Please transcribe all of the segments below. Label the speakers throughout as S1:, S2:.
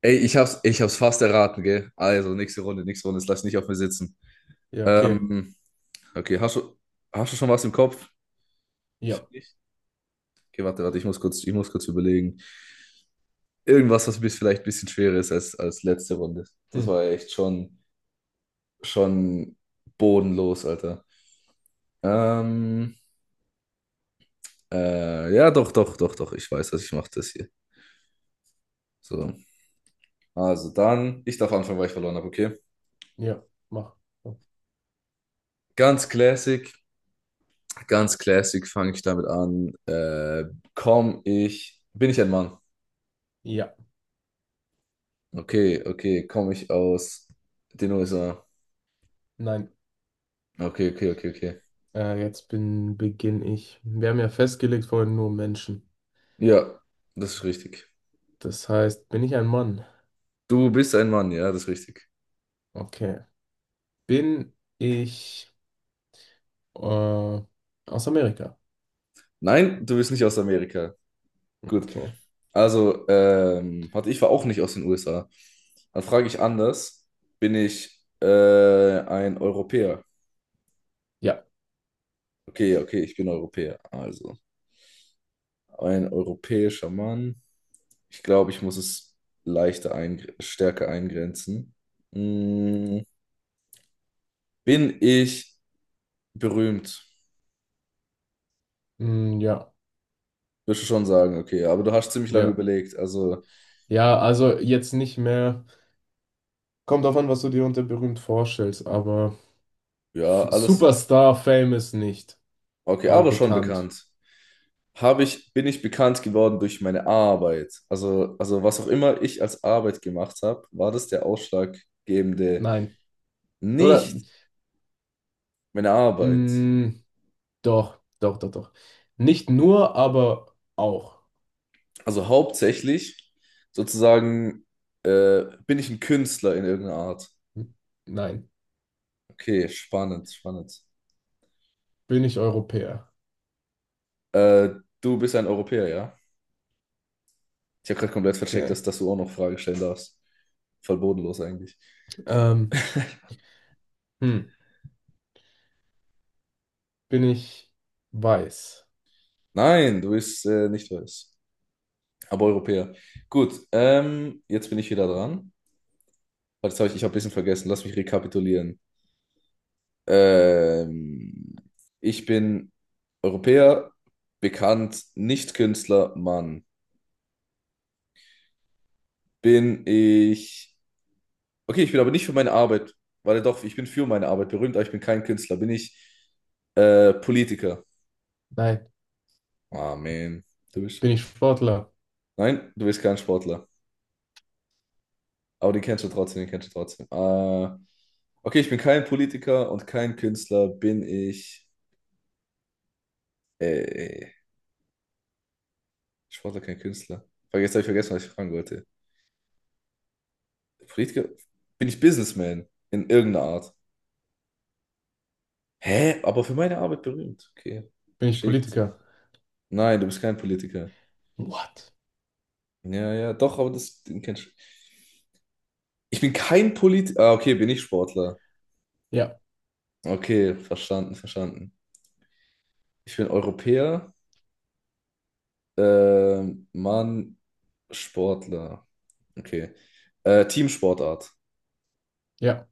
S1: Ey, ich hab's, fast erraten, gell? Also, nächste Runde, das lass ich nicht auf mir sitzen.
S2: Ja, okay.
S1: Ähm, okay, hast du schon was im Kopf?
S2: Ja.
S1: Nicht. Okay, warte, ich muss kurz überlegen. Irgendwas, was bis vielleicht ein bisschen schwerer ist als letzte Runde. Das
S2: Hm.
S1: war ja echt schon, schon bodenlos, Alter. Ähm, ja, doch, doch, doch, doch, ich weiß, dass ich mache. Das hier. So, also dann, ich darf anfangen, weil ich verloren habe, okay?
S2: Ja, mach.
S1: Ganz classic. Ganz classic fange ich damit an. Komm ich. Bin ich ein Mann?
S2: Ja,
S1: Okay, okay. Komme ich aus den USA?
S2: nein.
S1: Okay, okay, okay, okay.
S2: Beginne ich. Wir haben ja festgelegt vorhin nur Menschen.
S1: Ja, das ist richtig.
S2: Das heißt, bin ich ein Mann?
S1: Du bist ein Mann, ja, das ist richtig.
S2: Okay. Bin ich äh, aus Amerika?
S1: Nein, du bist nicht aus Amerika. Gut.
S2: Okay.
S1: Also, warte, ich war auch nicht aus den USA. Dann frage ich anders. Bin ich ein Europäer?
S2: Ja.
S1: Okay, okay, ich bin Europäer. Also. Ein europäischer Mann. Ich glaube, ich muss es leichter ein, stärker eingrenzen. Mm, bin ich berühmt?
S2: Hm, ja.
S1: Würdest du schon sagen, okay, aber du hast ziemlich lange
S2: Ja.
S1: überlegt. Also,
S2: Ja, also jetzt nicht mehr. Kommt drauf an, was du dir unter berühmt vorstellst, aber
S1: ja, alles
S2: Superstar, famous nicht,
S1: okay,
S2: aber
S1: aber schon
S2: bekannt.
S1: bekannt. Habe ich, bin ich bekannt geworden durch meine Arbeit? Also was auch immer ich als Arbeit gemacht habe, war das der ausschlaggebende,
S2: Nein. Oder?
S1: nicht meine Arbeit.
S2: Hm. Doch, doch, doch, doch. Nicht nur, aber auch.
S1: Also hauptsächlich sozusagen bin ich ein Künstler in irgendeiner Art.
S2: Hm. Nein.
S1: Okay, spannend, spannend.
S2: Bin ich Europäer?
S1: Äh, du bist ein Europäer, ja? Ich habe gerade komplett vercheckt,
S2: Okay.
S1: dass du auch noch Fragen stellen darfst. Voll bodenlos eigentlich.
S2: Ähm, hm. Bin ich weiß?
S1: Nein, du bist nicht weiß, aber Europäer. Gut, jetzt bin ich wieder dran. Warte, ich habe ein bisschen vergessen. Lass mich rekapitulieren. Ähm, ich bin Europäer, bekannt, nicht Künstler, Mann. Bin ich okay, ich bin aber nicht für meine Arbeit, weil doch, ich bin für meine Arbeit berühmt, aber ich bin kein Künstler, bin ich Politiker.
S2: Nein.
S1: Ah, man. Du
S2: Bin
S1: bist.
S2: ich Sportler?
S1: Nein, du bist kein Sportler. Aber den kennst du trotzdem, den kennst du trotzdem. Okay, ich bin kein Politiker und kein Künstler, bin ich. Äh, äh, Sportler, kein Künstler. Vergesst, habe ich vergessen, was ich fragen wollte. Politiker? Bin ich Businessman in irgendeiner Art? Hä? Aber für meine Arbeit berühmt. Okay,
S2: Bin ich
S1: verschickt.
S2: Politiker?
S1: Nein, du bist kein Politiker.
S2: What?
S1: Ja, ja, doch, aber das den kenn ich. Ich bin kein Polit. Ah, okay, bin ich Sportler.
S2: Ja,
S1: Okay, verstanden, verstanden. Ich bin Europäer. Mann, Sportler. Okay. Teamsportart.
S2: ja,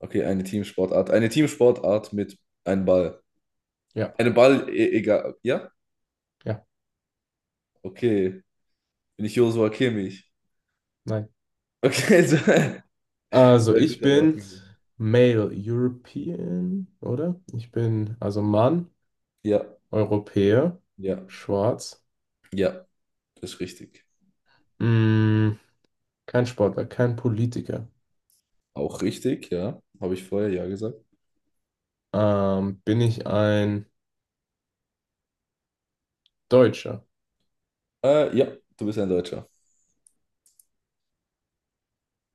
S1: Okay, eine Teamsportart. Eine Teamsportart mit einem Ball.
S2: ja,
S1: Eine Ball, e egal. Ja?
S2: ja,
S1: Okay. Bin ich Joshua Kimmich?
S2: nein.
S1: Okay, so.
S2: Also
S1: Ja,
S2: ich
S1: guter Rat
S2: bin
S1: gewesen.
S2: Male European, oder? Ich bin also Mann,
S1: Ja,
S2: Europäer,
S1: ja,
S2: schwarz.
S1: ja, das ist richtig.
S2: Mm, kein Sportler, kein Politiker.
S1: Auch richtig, ja. Habe ich vorher ja gesagt.
S2: Bin ich ein Deutscher?
S1: Ja, du bist ja ein Deutscher.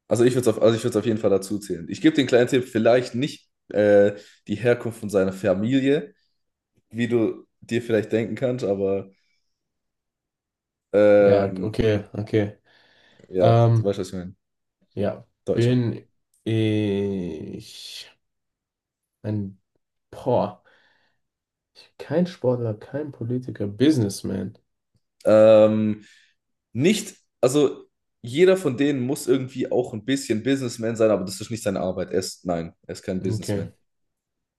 S1: Also ich würde es auf, also ich würde es auf jeden Fall dazu zählen. Ich gebe den kleinen Tipp, vielleicht nicht die Herkunft von seiner Familie, wie du dir vielleicht denken kannst, aber
S2: Ja,
S1: ähm,
S2: okay, okay.
S1: ja, du
S2: Ähm,
S1: weißt, was ich meine.
S2: ja,
S1: Deutscher.
S2: bin ich ein, boah, kein Sportler, kein Politiker, Businessman.
S1: Ähm, nicht, also jeder von denen muss irgendwie auch ein bisschen Businessman sein, aber das ist nicht seine Arbeit. Er ist, nein, er ist kein
S2: Okay,
S1: Businessman.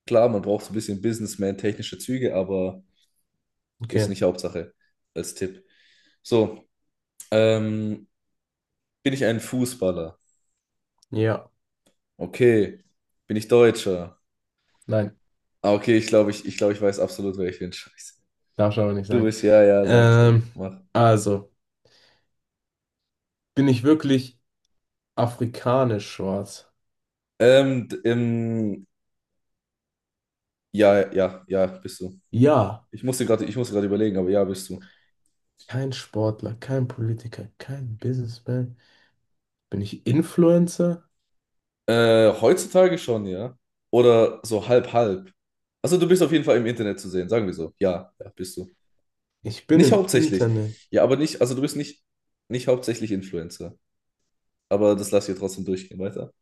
S1: Klar, man braucht so ein bisschen Businessman-technische Züge, aber ist
S2: okay.
S1: nicht Hauptsache als Tipp. So, ähm, bin ich ein Fußballer?
S2: Ja,
S1: Okay. Bin ich Deutscher?
S2: nein,
S1: Ah, okay, ich glaube, glaube, ich weiß absolut, wer ich bin. Scheiße.
S2: darf ich aber nicht
S1: Du
S2: sagen.
S1: bist, ja, ja, sag, sag,
S2: Ähm,
S1: mach.
S2: also, bin ich wirklich afrikanisch schwarz?
S1: Ähm, d- ähm, ja, ja, ja, bist du.
S2: Ja,
S1: Ich musste gerade überlegen, aber ja, bist du.
S2: kein Sportler, kein Politiker, kein Businessman. Bin ich Influencer?
S1: Heutzutage schon, ja. Oder so halb, halb. Also du bist auf jeden Fall im Internet zu sehen, sagen wir so. Ja, ja, bist du.
S2: Ich bin
S1: Nicht
S2: im
S1: hauptsächlich.
S2: Internet.
S1: Ja, aber nicht, also du bist nicht, nicht hauptsächlich Influencer. Aber das lass ich ja trotzdem durchgehen, weiter.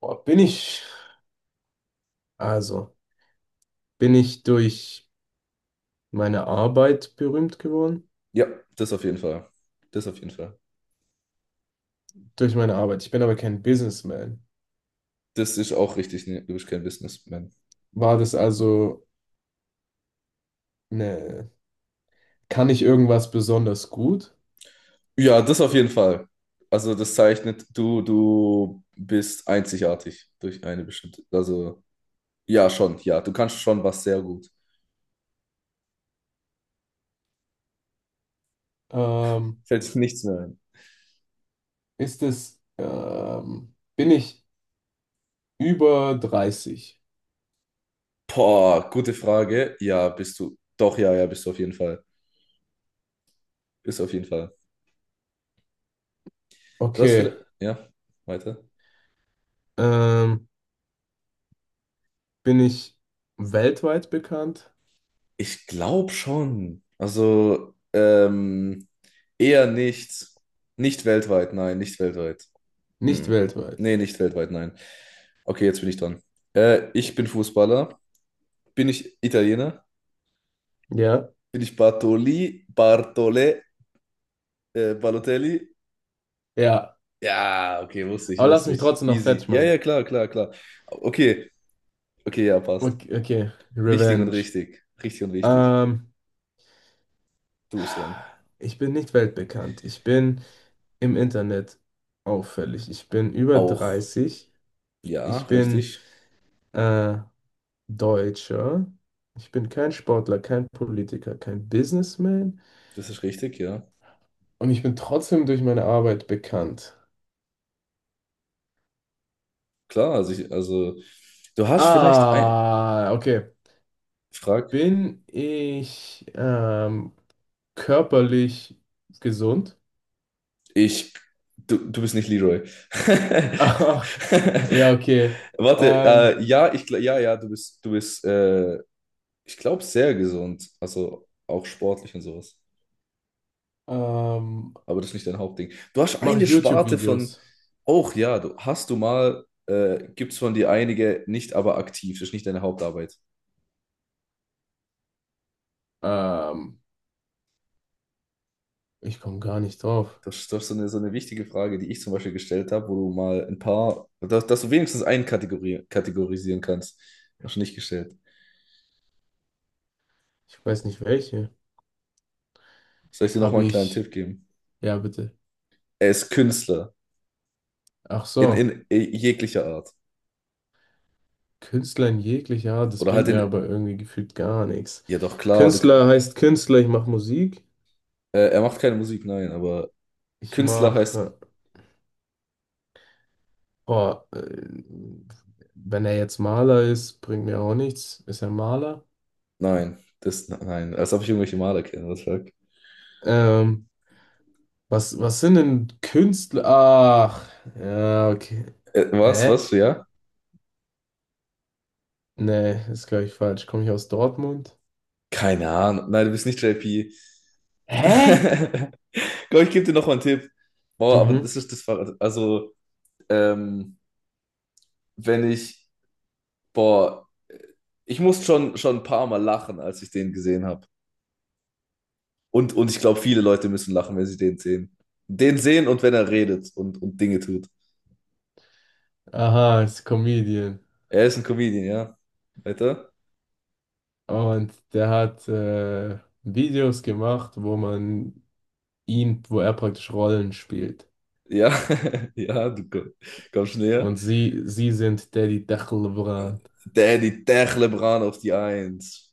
S2: Boah, also, bin ich durch meine Arbeit berühmt geworden?
S1: Ja, das auf jeden Fall. Das auf jeden Fall.
S2: Durch meine Arbeit. Ich bin aber kein Businessman.
S1: Das ist auch richtig. Nee, du bist kein Businessman.
S2: War das also eine, kann ich irgendwas besonders gut?
S1: Ja, das auf jeden Fall. Also das zeichnet, du bist einzigartig durch eine bestimmte. Also, ja, schon, ja. Du kannst schon was sehr gut.
S2: Ähm,
S1: Fällt sich nichts mehr ein.
S2: bin ich über 30?
S1: Boah, gute Frage. Ja, bist du. Doch, ja, ja, bist du auf jeden Fall. Bist du auf jeden Fall. Du hast
S2: Okay.
S1: vielleicht. Ja, weiter.
S2: Ähm, Bin ich weltweit bekannt?
S1: Ich glaube schon. Also, eher nicht. Nicht weltweit, nein, nicht weltweit. Mm.
S2: Nicht weltweit.
S1: Nee, nicht weltweit, nein. Okay, jetzt bin ich dran. Ich bin Fußballer. Bin ich Italiener?
S2: Ja.
S1: Bin ich Bartoli, Bartole, Balotelli?
S2: Ja.
S1: Ja, okay, wusste ich,
S2: Aber lass
S1: wusste
S2: mich
S1: ich.
S2: trotzdem noch
S1: Easy.
S2: fertig
S1: Ja, ja,
S2: machen.
S1: klar, klar, klar. Okay, okay, ja, passt.
S2: Okay, okay.
S1: Wichtig und
S2: Revenge.
S1: richtig. Richtig und wichtig.
S2: Ähm,
S1: Du bist dran.
S2: Ich bin nicht weltbekannt. Ich bin im Internet auffällig. Ich bin über
S1: Auch.
S2: 30.
S1: Ja,
S2: Ich bin
S1: richtig.
S2: äh, Deutscher. Ich bin kein Sportler, kein Politiker, kein Businessman.
S1: Das ist richtig, ja.
S2: Und ich bin trotzdem durch meine Arbeit bekannt.
S1: Klar, also, ich, also du hast vielleicht ein...
S2: Ah, okay.
S1: Frag.
S2: Bin ich körperlich gesund?
S1: Ich... Du bist nicht Leroy.
S2: Ach, ja, okay.
S1: Warte,
S2: Ähm,
S1: ja, ich, gl- ja, ja, du bist, ich glaube, sehr gesund. Also auch sportlich und sowas.
S2: ähm,
S1: Aber das ist nicht dein Hauptding. Du hast
S2: Mache
S1: eine
S2: ich
S1: Sparte von,
S2: YouTube-Videos?
S1: auch ja, du hast du mal, gibt es von dir einige, nicht aber aktiv. Das ist nicht deine Hauptarbeit.
S2: Ähm, Ich komme gar nicht drauf.
S1: Das ist so eine wichtige Frage, die ich zum Beispiel gestellt habe, wo du mal ein paar, dass du wenigstens einen Kategori kategorisieren kannst. Hast du nicht gestellt.
S2: Ich weiß nicht welche.
S1: Soll ich dir nochmal
S2: Habe
S1: einen kleinen
S2: ich.
S1: Tipp geben?
S2: Ja, bitte.
S1: Er ist Künstler.
S2: Ach so.
S1: In jeglicher Art.
S2: Künstler in jeglicher Art, das
S1: Oder
S2: bringt
S1: halt
S2: mir
S1: in
S2: aber irgendwie gefühlt gar nichts.
S1: ja, doch klar, du, könnt-
S2: Künstler heißt Künstler, ich mache Musik.
S1: er macht keine Musik, nein, aber
S2: Ich
S1: Künstler heißt
S2: mache. Boah, wenn er jetzt Maler ist, bringt mir auch nichts. Ist er Maler?
S1: nein. Das, nein, als ob ich irgendwelche Maler kenne, was sag.
S2: Ähm, was sind denn Künstler? Ach, ja, okay. Äh?
S1: Was, ja?
S2: Nee, ist, gleich falsch. Komme ich aus Dortmund?
S1: Keine Ahnung. Nein, du bist nicht JP.
S2: Hä?
S1: Komm, ich gebe dir noch mal einen Tipp. Boah, aber
S2: Mhm.
S1: das ist das war also ähm, wenn ich boah, ich muss schon ein paar Mal lachen, als ich den gesehen habe. Und ich glaube, viele Leute müssen lachen, wenn sie den sehen. Den sehen und wenn er redet und Dinge tut.
S2: Aha, ist Comedian.
S1: Er ist ein Comedian, ja. Weiter?
S2: Und der hat Videos gemacht, wo er praktisch Rollen spielt.
S1: Ja, ja, du komm- kommst näher.
S2: Und sie sind Daddy Dachel
S1: Der die Techlebrand auf die Eins.